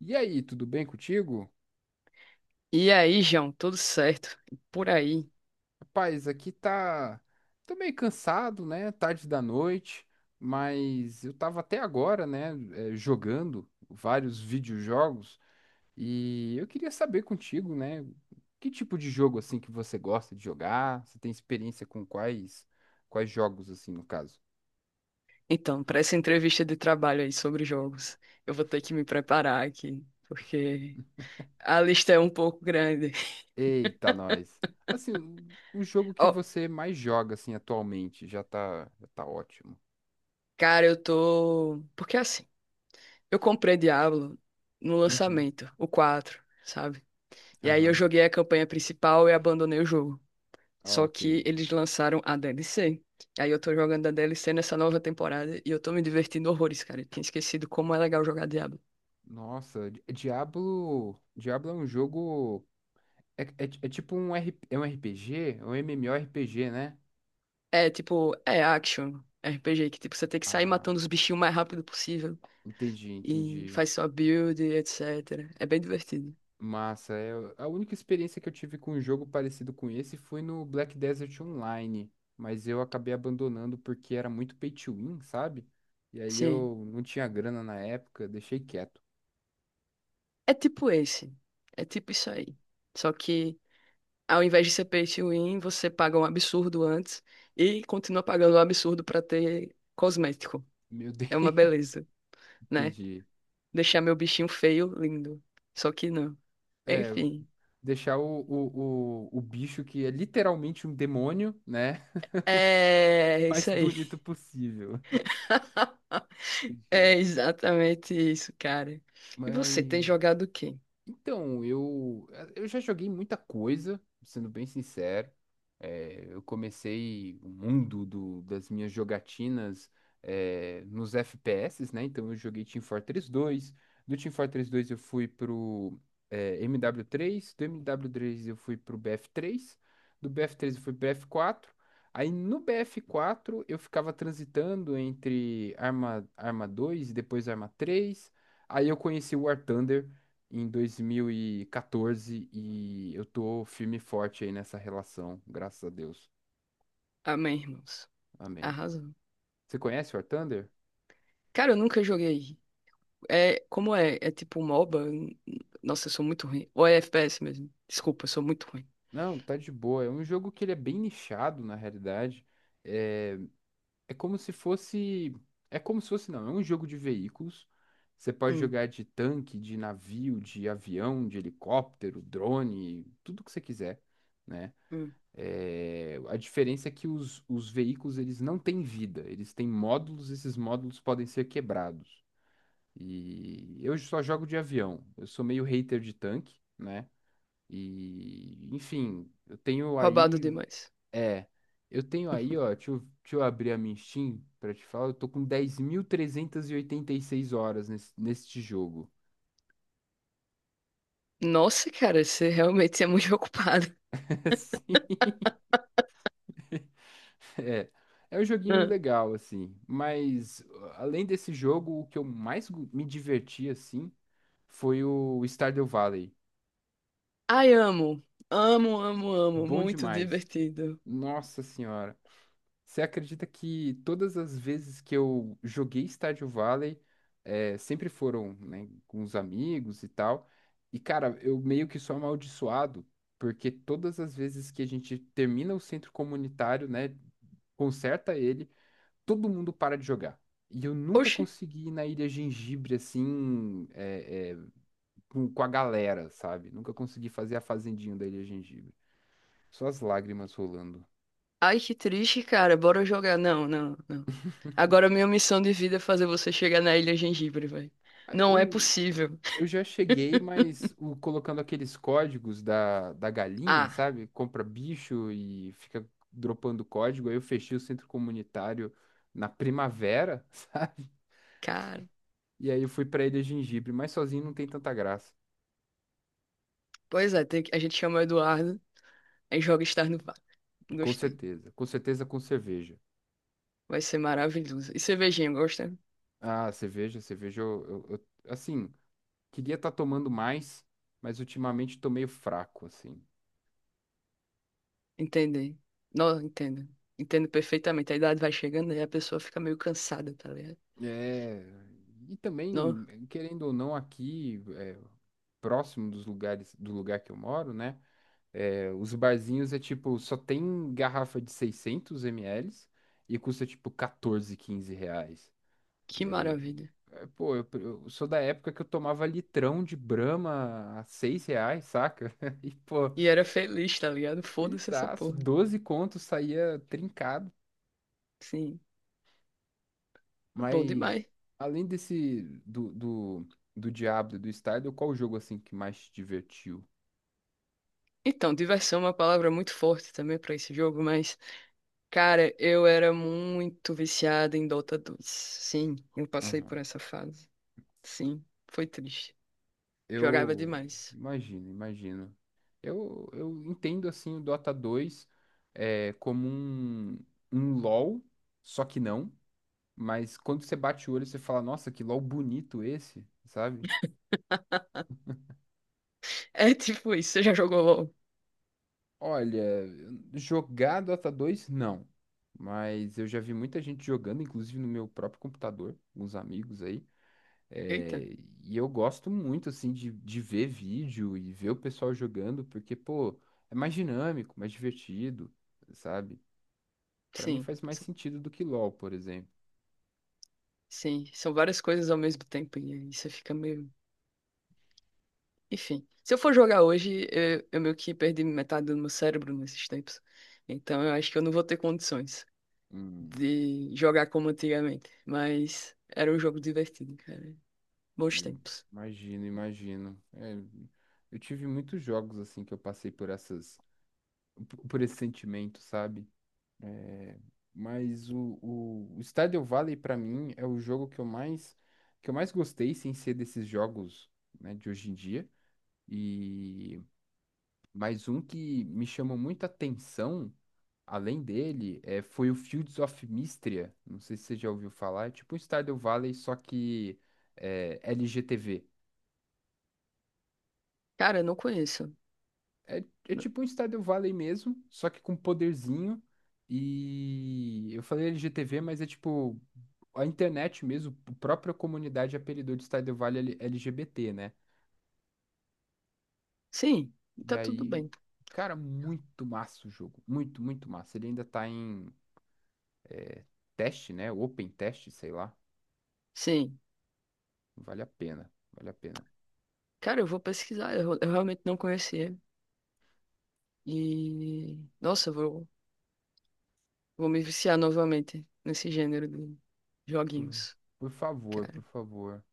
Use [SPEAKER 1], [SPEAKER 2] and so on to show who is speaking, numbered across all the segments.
[SPEAKER 1] E aí, tudo bem contigo?
[SPEAKER 2] E aí, João, tudo certo? Por aí.
[SPEAKER 1] Rapaz, aqui tá. Tô meio cansado, né? Tarde da noite, mas eu tava até agora, né? Jogando vários videojogos e eu queria saber contigo, né? Que tipo de jogo assim que você gosta de jogar? Você tem experiência com quais jogos assim, no caso?
[SPEAKER 2] Então, para essa entrevista de trabalho aí sobre jogos, eu vou ter que me preparar aqui, porque a lista é um pouco grande.
[SPEAKER 1] Eita, nós. Assim, o jogo que
[SPEAKER 2] Ó,
[SPEAKER 1] você mais joga assim atualmente já tá ótimo.
[SPEAKER 2] cara, eu tô. Porque assim, eu comprei Diablo no
[SPEAKER 1] Uhum.
[SPEAKER 2] lançamento, o 4, sabe? E aí eu
[SPEAKER 1] Aham.
[SPEAKER 2] joguei a campanha principal e abandonei o jogo. Só
[SPEAKER 1] Ok.
[SPEAKER 2] que eles lançaram a DLC. Aí eu tô jogando a DLC nessa nova temporada e eu tô me divertindo horrores, cara. Eu tinha esquecido como é legal jogar Diablo.
[SPEAKER 1] Nossa, Diablo é um jogo. É tipo um, R, é um RPG, é um MMORPG, né?
[SPEAKER 2] É tipo, é action RPG, que tipo, você tem que sair
[SPEAKER 1] Ah,
[SPEAKER 2] matando os bichinhos o mais rápido possível.
[SPEAKER 1] entendi,
[SPEAKER 2] E
[SPEAKER 1] entendi.
[SPEAKER 2] faz sua build, etc. É bem divertido.
[SPEAKER 1] Massa, é, a única experiência que eu tive com um jogo parecido com esse foi no Black Desert Online, mas eu acabei abandonando porque era muito pay to win, sabe? E aí
[SPEAKER 2] Sim.
[SPEAKER 1] eu não tinha grana na época, deixei quieto.
[SPEAKER 2] É tipo esse. É tipo isso aí. Só que ao invés de ser pay to win, você paga um absurdo antes e continua pagando um absurdo pra ter cosmético.
[SPEAKER 1] Meu Deus,
[SPEAKER 2] É uma beleza, né?
[SPEAKER 1] entendi.
[SPEAKER 2] Deixar meu bichinho feio, lindo. Só que não.
[SPEAKER 1] É,
[SPEAKER 2] Enfim.
[SPEAKER 1] deixar o bicho que é literalmente um demônio, né?
[SPEAKER 2] É
[SPEAKER 1] mais
[SPEAKER 2] isso aí.
[SPEAKER 1] bonito possível.
[SPEAKER 2] É
[SPEAKER 1] Entendi.
[SPEAKER 2] exatamente isso, cara. E você tem
[SPEAKER 1] Mas.
[SPEAKER 2] jogado o quê?
[SPEAKER 1] Então, eu já joguei muita coisa, sendo bem sincero. É, eu comecei o mundo das minhas jogatinas, nos FPS, né? Então eu joguei Team Fortress 2. Do Team Fortress dois eu fui pro MW3. Do mw três eu fui pro BF3. Do bf três eu fui pro BF4. Aí no BF4 eu ficava transitando entre Arma, Arma 2 e depois Arma 3. Aí eu conheci o War Thunder em 2014 e quatorze e eu tô firme e forte aí nessa relação, graças a Deus.
[SPEAKER 2] Amém, irmãos.
[SPEAKER 1] Amém.
[SPEAKER 2] Arrasou.
[SPEAKER 1] Você conhece War Thunder?
[SPEAKER 2] Cara, eu nunca joguei. É, como é? É tipo MOBA? Nossa, eu sou muito ruim. Ou é FPS mesmo? Desculpa, eu sou muito ruim.
[SPEAKER 1] Não, tá de boa. É um jogo que ele é bem nichado, na realidade. É, é como se fosse. É como se fosse, não. É um jogo de veículos. Você pode
[SPEAKER 2] Hum,
[SPEAKER 1] jogar de tanque, de navio, de avião, de helicóptero, drone, tudo que você quiser, né?
[SPEAKER 2] hum.
[SPEAKER 1] É, a diferença é que os veículos eles não têm vida, eles têm módulos, esses módulos podem ser quebrados. E eu só jogo de avião, eu sou meio hater de tanque, né? E enfim,
[SPEAKER 2] Roubado demais.
[SPEAKER 1] é, eu tenho aí, ó, deixa eu abrir a minha Steam pra te falar, eu tô com dez mil trezentas e oitenta e seis horas neste jogo.
[SPEAKER 2] Nossa, cara, você realmente é muito ocupado.
[SPEAKER 1] É, é um joguinho
[SPEAKER 2] Ah,
[SPEAKER 1] legal, assim. Mas, além desse jogo, o que eu mais me diverti, assim, foi o Stardew Valley.
[SPEAKER 2] ai, amo. Amo, amo, amo.
[SPEAKER 1] Bom
[SPEAKER 2] Muito
[SPEAKER 1] demais.
[SPEAKER 2] divertido.
[SPEAKER 1] Nossa Senhora. Você acredita que todas as vezes que eu joguei Stardew Valley, é, sempre foram, né, com os amigos e tal. E, cara, eu meio que sou amaldiçoado, porque todas as vezes que a gente termina o centro comunitário, né, conserta ele, todo mundo para de jogar. E eu nunca
[SPEAKER 2] Oxi.
[SPEAKER 1] consegui ir na Ilha Gengibre assim, com a galera, sabe? Nunca consegui fazer a fazendinha da Ilha Gengibre. Só as lágrimas rolando.
[SPEAKER 2] Ai, que triste, cara. Bora jogar. Não, não, não. Agora a minha missão de vida é fazer você chegar na Ilha Gengibre, velho.
[SPEAKER 1] Ah,
[SPEAKER 2] Não é
[SPEAKER 1] Eu,
[SPEAKER 2] possível.
[SPEAKER 1] eu já cheguei, mas colocando aqueles códigos da galinha,
[SPEAKER 2] Ah,
[SPEAKER 1] sabe? Compra bicho e fica dropando código. Aí eu fechei o centro comunitário na primavera, sabe?
[SPEAKER 2] cara.
[SPEAKER 1] E aí eu fui pra Ilha Gengibre, mas sozinho não tem tanta graça.
[SPEAKER 2] Pois é, a gente chama o Eduardo, aí joga Star no Vale.
[SPEAKER 1] Com
[SPEAKER 2] Gostei.
[SPEAKER 1] certeza. Com certeza com cerveja.
[SPEAKER 2] Vai ser maravilhoso. E cervejinha, gosta?
[SPEAKER 1] Ah, cerveja, assim, queria estar tomando mais, mas ultimamente tô meio fraco, assim.
[SPEAKER 2] Entendi. Não, entendo. Entendo perfeitamente. A idade vai chegando e a pessoa fica meio cansada, tá ligado?
[SPEAKER 1] É, e
[SPEAKER 2] Não,
[SPEAKER 1] também, querendo ou não, aqui, próximo do lugar que eu moro, né? É, os barzinhos é tipo, só tem garrafa de 600 ml e custa tipo 14, R$ 15.
[SPEAKER 2] que
[SPEAKER 1] E aí,
[SPEAKER 2] maravilha.
[SPEAKER 1] pô, eu sou da época que eu tomava litrão de Brahma a R$ 6, saca? E, pô,
[SPEAKER 2] E era feliz, tá ligado? Foda-se essa
[SPEAKER 1] felizaço,
[SPEAKER 2] porra.
[SPEAKER 1] 12 contos saía trincado,
[SPEAKER 2] Sim. Bom
[SPEAKER 1] mas
[SPEAKER 2] demais.
[SPEAKER 1] além desse do Diablo e do Stardew, qual o jogo assim que mais te divertiu?
[SPEAKER 2] Então, diversão é uma palavra muito forte também para esse jogo, mas, cara, eu era muito viciado em Dota 2. Sim, eu passei
[SPEAKER 1] Aham.
[SPEAKER 2] por essa fase. Sim, foi triste. Jogava
[SPEAKER 1] Eu
[SPEAKER 2] demais.
[SPEAKER 1] imagino, imagino. Eu entendo assim o Dota 2 como um LoL, só que não, mas quando você bate o olho você fala, nossa, que LoL bonito esse, sabe?
[SPEAKER 2] É tipo isso, você já jogou LOL?
[SPEAKER 1] Olha, jogar Dota dois, não. Mas eu já vi muita gente jogando, inclusive no meu próprio computador, alguns amigos aí.
[SPEAKER 2] Eita,
[SPEAKER 1] É, e eu gosto muito, assim, de ver vídeo e ver o pessoal jogando, porque, pô, é mais dinâmico, mais divertido, sabe? Pra mim
[SPEAKER 2] sim.
[SPEAKER 1] faz mais
[SPEAKER 2] são-
[SPEAKER 1] sentido do que LoL, por exemplo.
[SPEAKER 2] Sim, são várias coisas ao mesmo tempo e aí você fica meio. Enfim, se eu for jogar hoje, eu meio que perdi metade do meu cérebro nesses tempos. Então eu acho que eu não vou ter condições
[SPEAKER 1] Hum,
[SPEAKER 2] de jogar como antigamente. Mas era um jogo divertido, cara. Bons tempos.
[SPEAKER 1] imagino, imagino. É, eu tive muitos jogos, assim, que eu passei por esse sentimento, sabe? Mas o Stardew Valley, pra mim, é o jogo que eu mais gostei, sem ser desses jogos, né, de hoje em dia. E mais um que me chamou muita atenção, além dele, foi o Fields of Mistria. Não sei se você já ouviu falar. É tipo um Stardew Valley, só que LGTV.
[SPEAKER 2] Cara, eu não conheço.
[SPEAKER 1] É, é
[SPEAKER 2] N-
[SPEAKER 1] tipo um Stardew Valley mesmo, só que com poderzinho. E eu falei LGTV, mas é tipo a internet mesmo, a própria comunidade apelidou de Stardew Valley LGBT, né?
[SPEAKER 2] Sim,
[SPEAKER 1] E
[SPEAKER 2] tá tudo
[SPEAKER 1] aí,
[SPEAKER 2] bem.
[SPEAKER 1] cara, muito massa o jogo. Muito, muito massa. Ele ainda tá em teste, né? Open teste, sei lá.
[SPEAKER 2] Sim.
[SPEAKER 1] Vale a pena, vale a pena.
[SPEAKER 2] Cara, eu vou pesquisar. Eu realmente não conhecia. E, nossa, eu vou me viciar novamente nesse gênero de
[SPEAKER 1] Por,
[SPEAKER 2] joguinhos,
[SPEAKER 1] por favor, por
[SPEAKER 2] cara.
[SPEAKER 1] favor.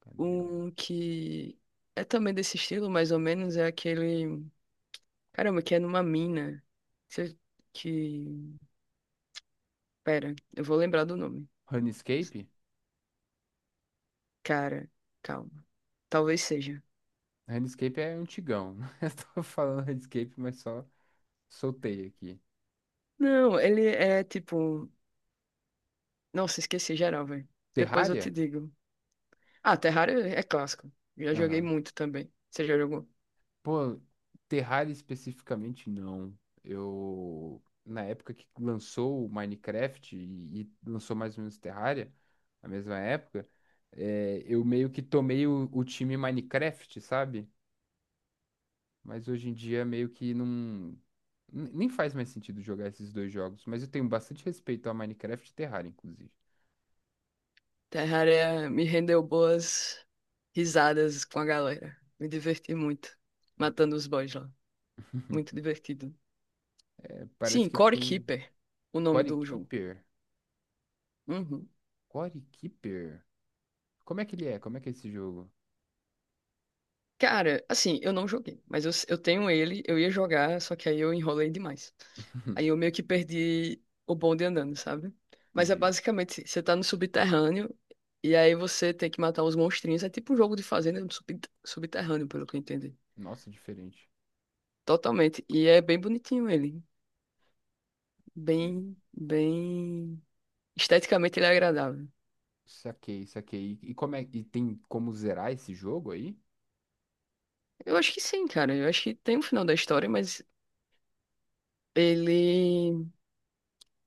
[SPEAKER 1] Cadê?
[SPEAKER 2] Um que é também desse estilo, mais ou menos, é aquele. Caramba, que é numa mina. Você- Que. Pera, eu vou lembrar do nome.
[SPEAKER 1] Runescape?
[SPEAKER 2] Cara, calma. Talvez seja.
[SPEAKER 1] Runescape é antigão. Eu tô falando Runescape, mas só soltei aqui.
[SPEAKER 2] Não, ele é tipo. Nossa, esqueci geral, velho. Depois eu te
[SPEAKER 1] Terraria?
[SPEAKER 2] digo. Ah, Terraria é clássico. Já joguei
[SPEAKER 1] Aham.
[SPEAKER 2] muito também. Você já jogou?
[SPEAKER 1] Pô, Terraria especificamente não. Eu, na época que lançou o Minecraft e lançou mais ou menos Terraria, na mesma época, eu meio que tomei o time Minecraft, sabe? Mas hoje em dia meio que não. Nem faz mais sentido jogar esses dois jogos, mas eu tenho bastante respeito a Minecraft e Terraria, inclusive.
[SPEAKER 2] Terraria me rendeu boas risadas com a galera. Me diverti muito. Matando os boys lá. Muito divertido.
[SPEAKER 1] É, parece
[SPEAKER 2] Sim,
[SPEAKER 1] que
[SPEAKER 2] Core
[SPEAKER 1] tem um
[SPEAKER 2] Keeper, o nome
[SPEAKER 1] Core
[SPEAKER 2] do jogo.
[SPEAKER 1] Keeper.
[SPEAKER 2] Uhum.
[SPEAKER 1] Core Keeper? Como é que ele é? Como é que é esse jogo?
[SPEAKER 2] Cara, assim, eu não joguei, mas eu tenho ele, eu ia jogar, só que aí eu enrolei demais. Aí eu meio que perdi o bonde andando, sabe? Mas é
[SPEAKER 1] Entendi.
[SPEAKER 2] basicamente, você tá no subterrâneo e aí você tem que matar uns monstrinhos. É tipo um jogo de fazenda no subterrâneo, pelo que eu entendi.
[SPEAKER 1] Nossa, diferente.
[SPEAKER 2] Totalmente. E é bem bonitinho ele.
[SPEAKER 1] Hum,
[SPEAKER 2] Bem, bem. Esteticamente ele é agradável.
[SPEAKER 1] Saquei, saquei. E como é, e tem como zerar esse jogo aí?
[SPEAKER 2] Eu acho que sim, cara. Eu acho que tem um final da história, mas ele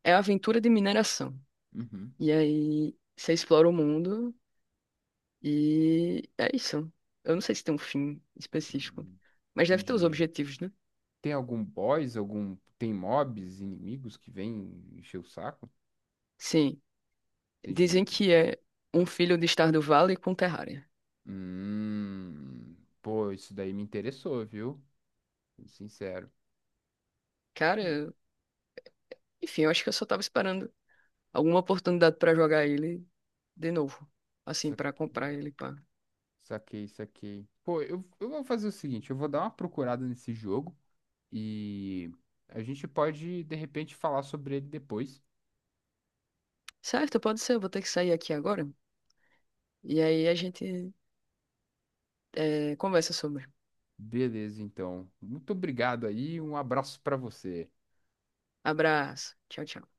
[SPEAKER 2] é a aventura de mineração.
[SPEAKER 1] Uhum.
[SPEAKER 2] E aí você explora o mundo. E é isso. Eu não sei se tem um fim específico,
[SPEAKER 1] Hum,
[SPEAKER 2] mas deve ter os
[SPEAKER 1] entendi.
[SPEAKER 2] objetivos, né?
[SPEAKER 1] Tem algum boss, tem mobs, inimigos que vêm encher o saco?
[SPEAKER 2] Sim,
[SPEAKER 1] Entendi,
[SPEAKER 2] dizem que
[SPEAKER 1] entendi.
[SPEAKER 2] é um filho de estar do Vale com Terraria.
[SPEAKER 1] Hum, pô, isso daí me interessou, viu? Sendo sincero.
[SPEAKER 2] Cara, enfim, eu acho que eu só tava esperando alguma oportunidade pra jogar ele de novo. Assim, pra
[SPEAKER 1] Saquei,
[SPEAKER 2] comprar ele, pá.
[SPEAKER 1] saquei, saquei. Pô, eu vou fazer o seguinte, eu vou dar uma procurada nesse jogo e a gente pode, de repente, falar sobre ele depois.
[SPEAKER 2] Certo, pode ser, eu vou ter que sair aqui agora. E aí a gente conversa sobre.
[SPEAKER 1] Beleza, então. Muito obrigado aí, um abraço para você.
[SPEAKER 2] Abraço. Tchau, tchau.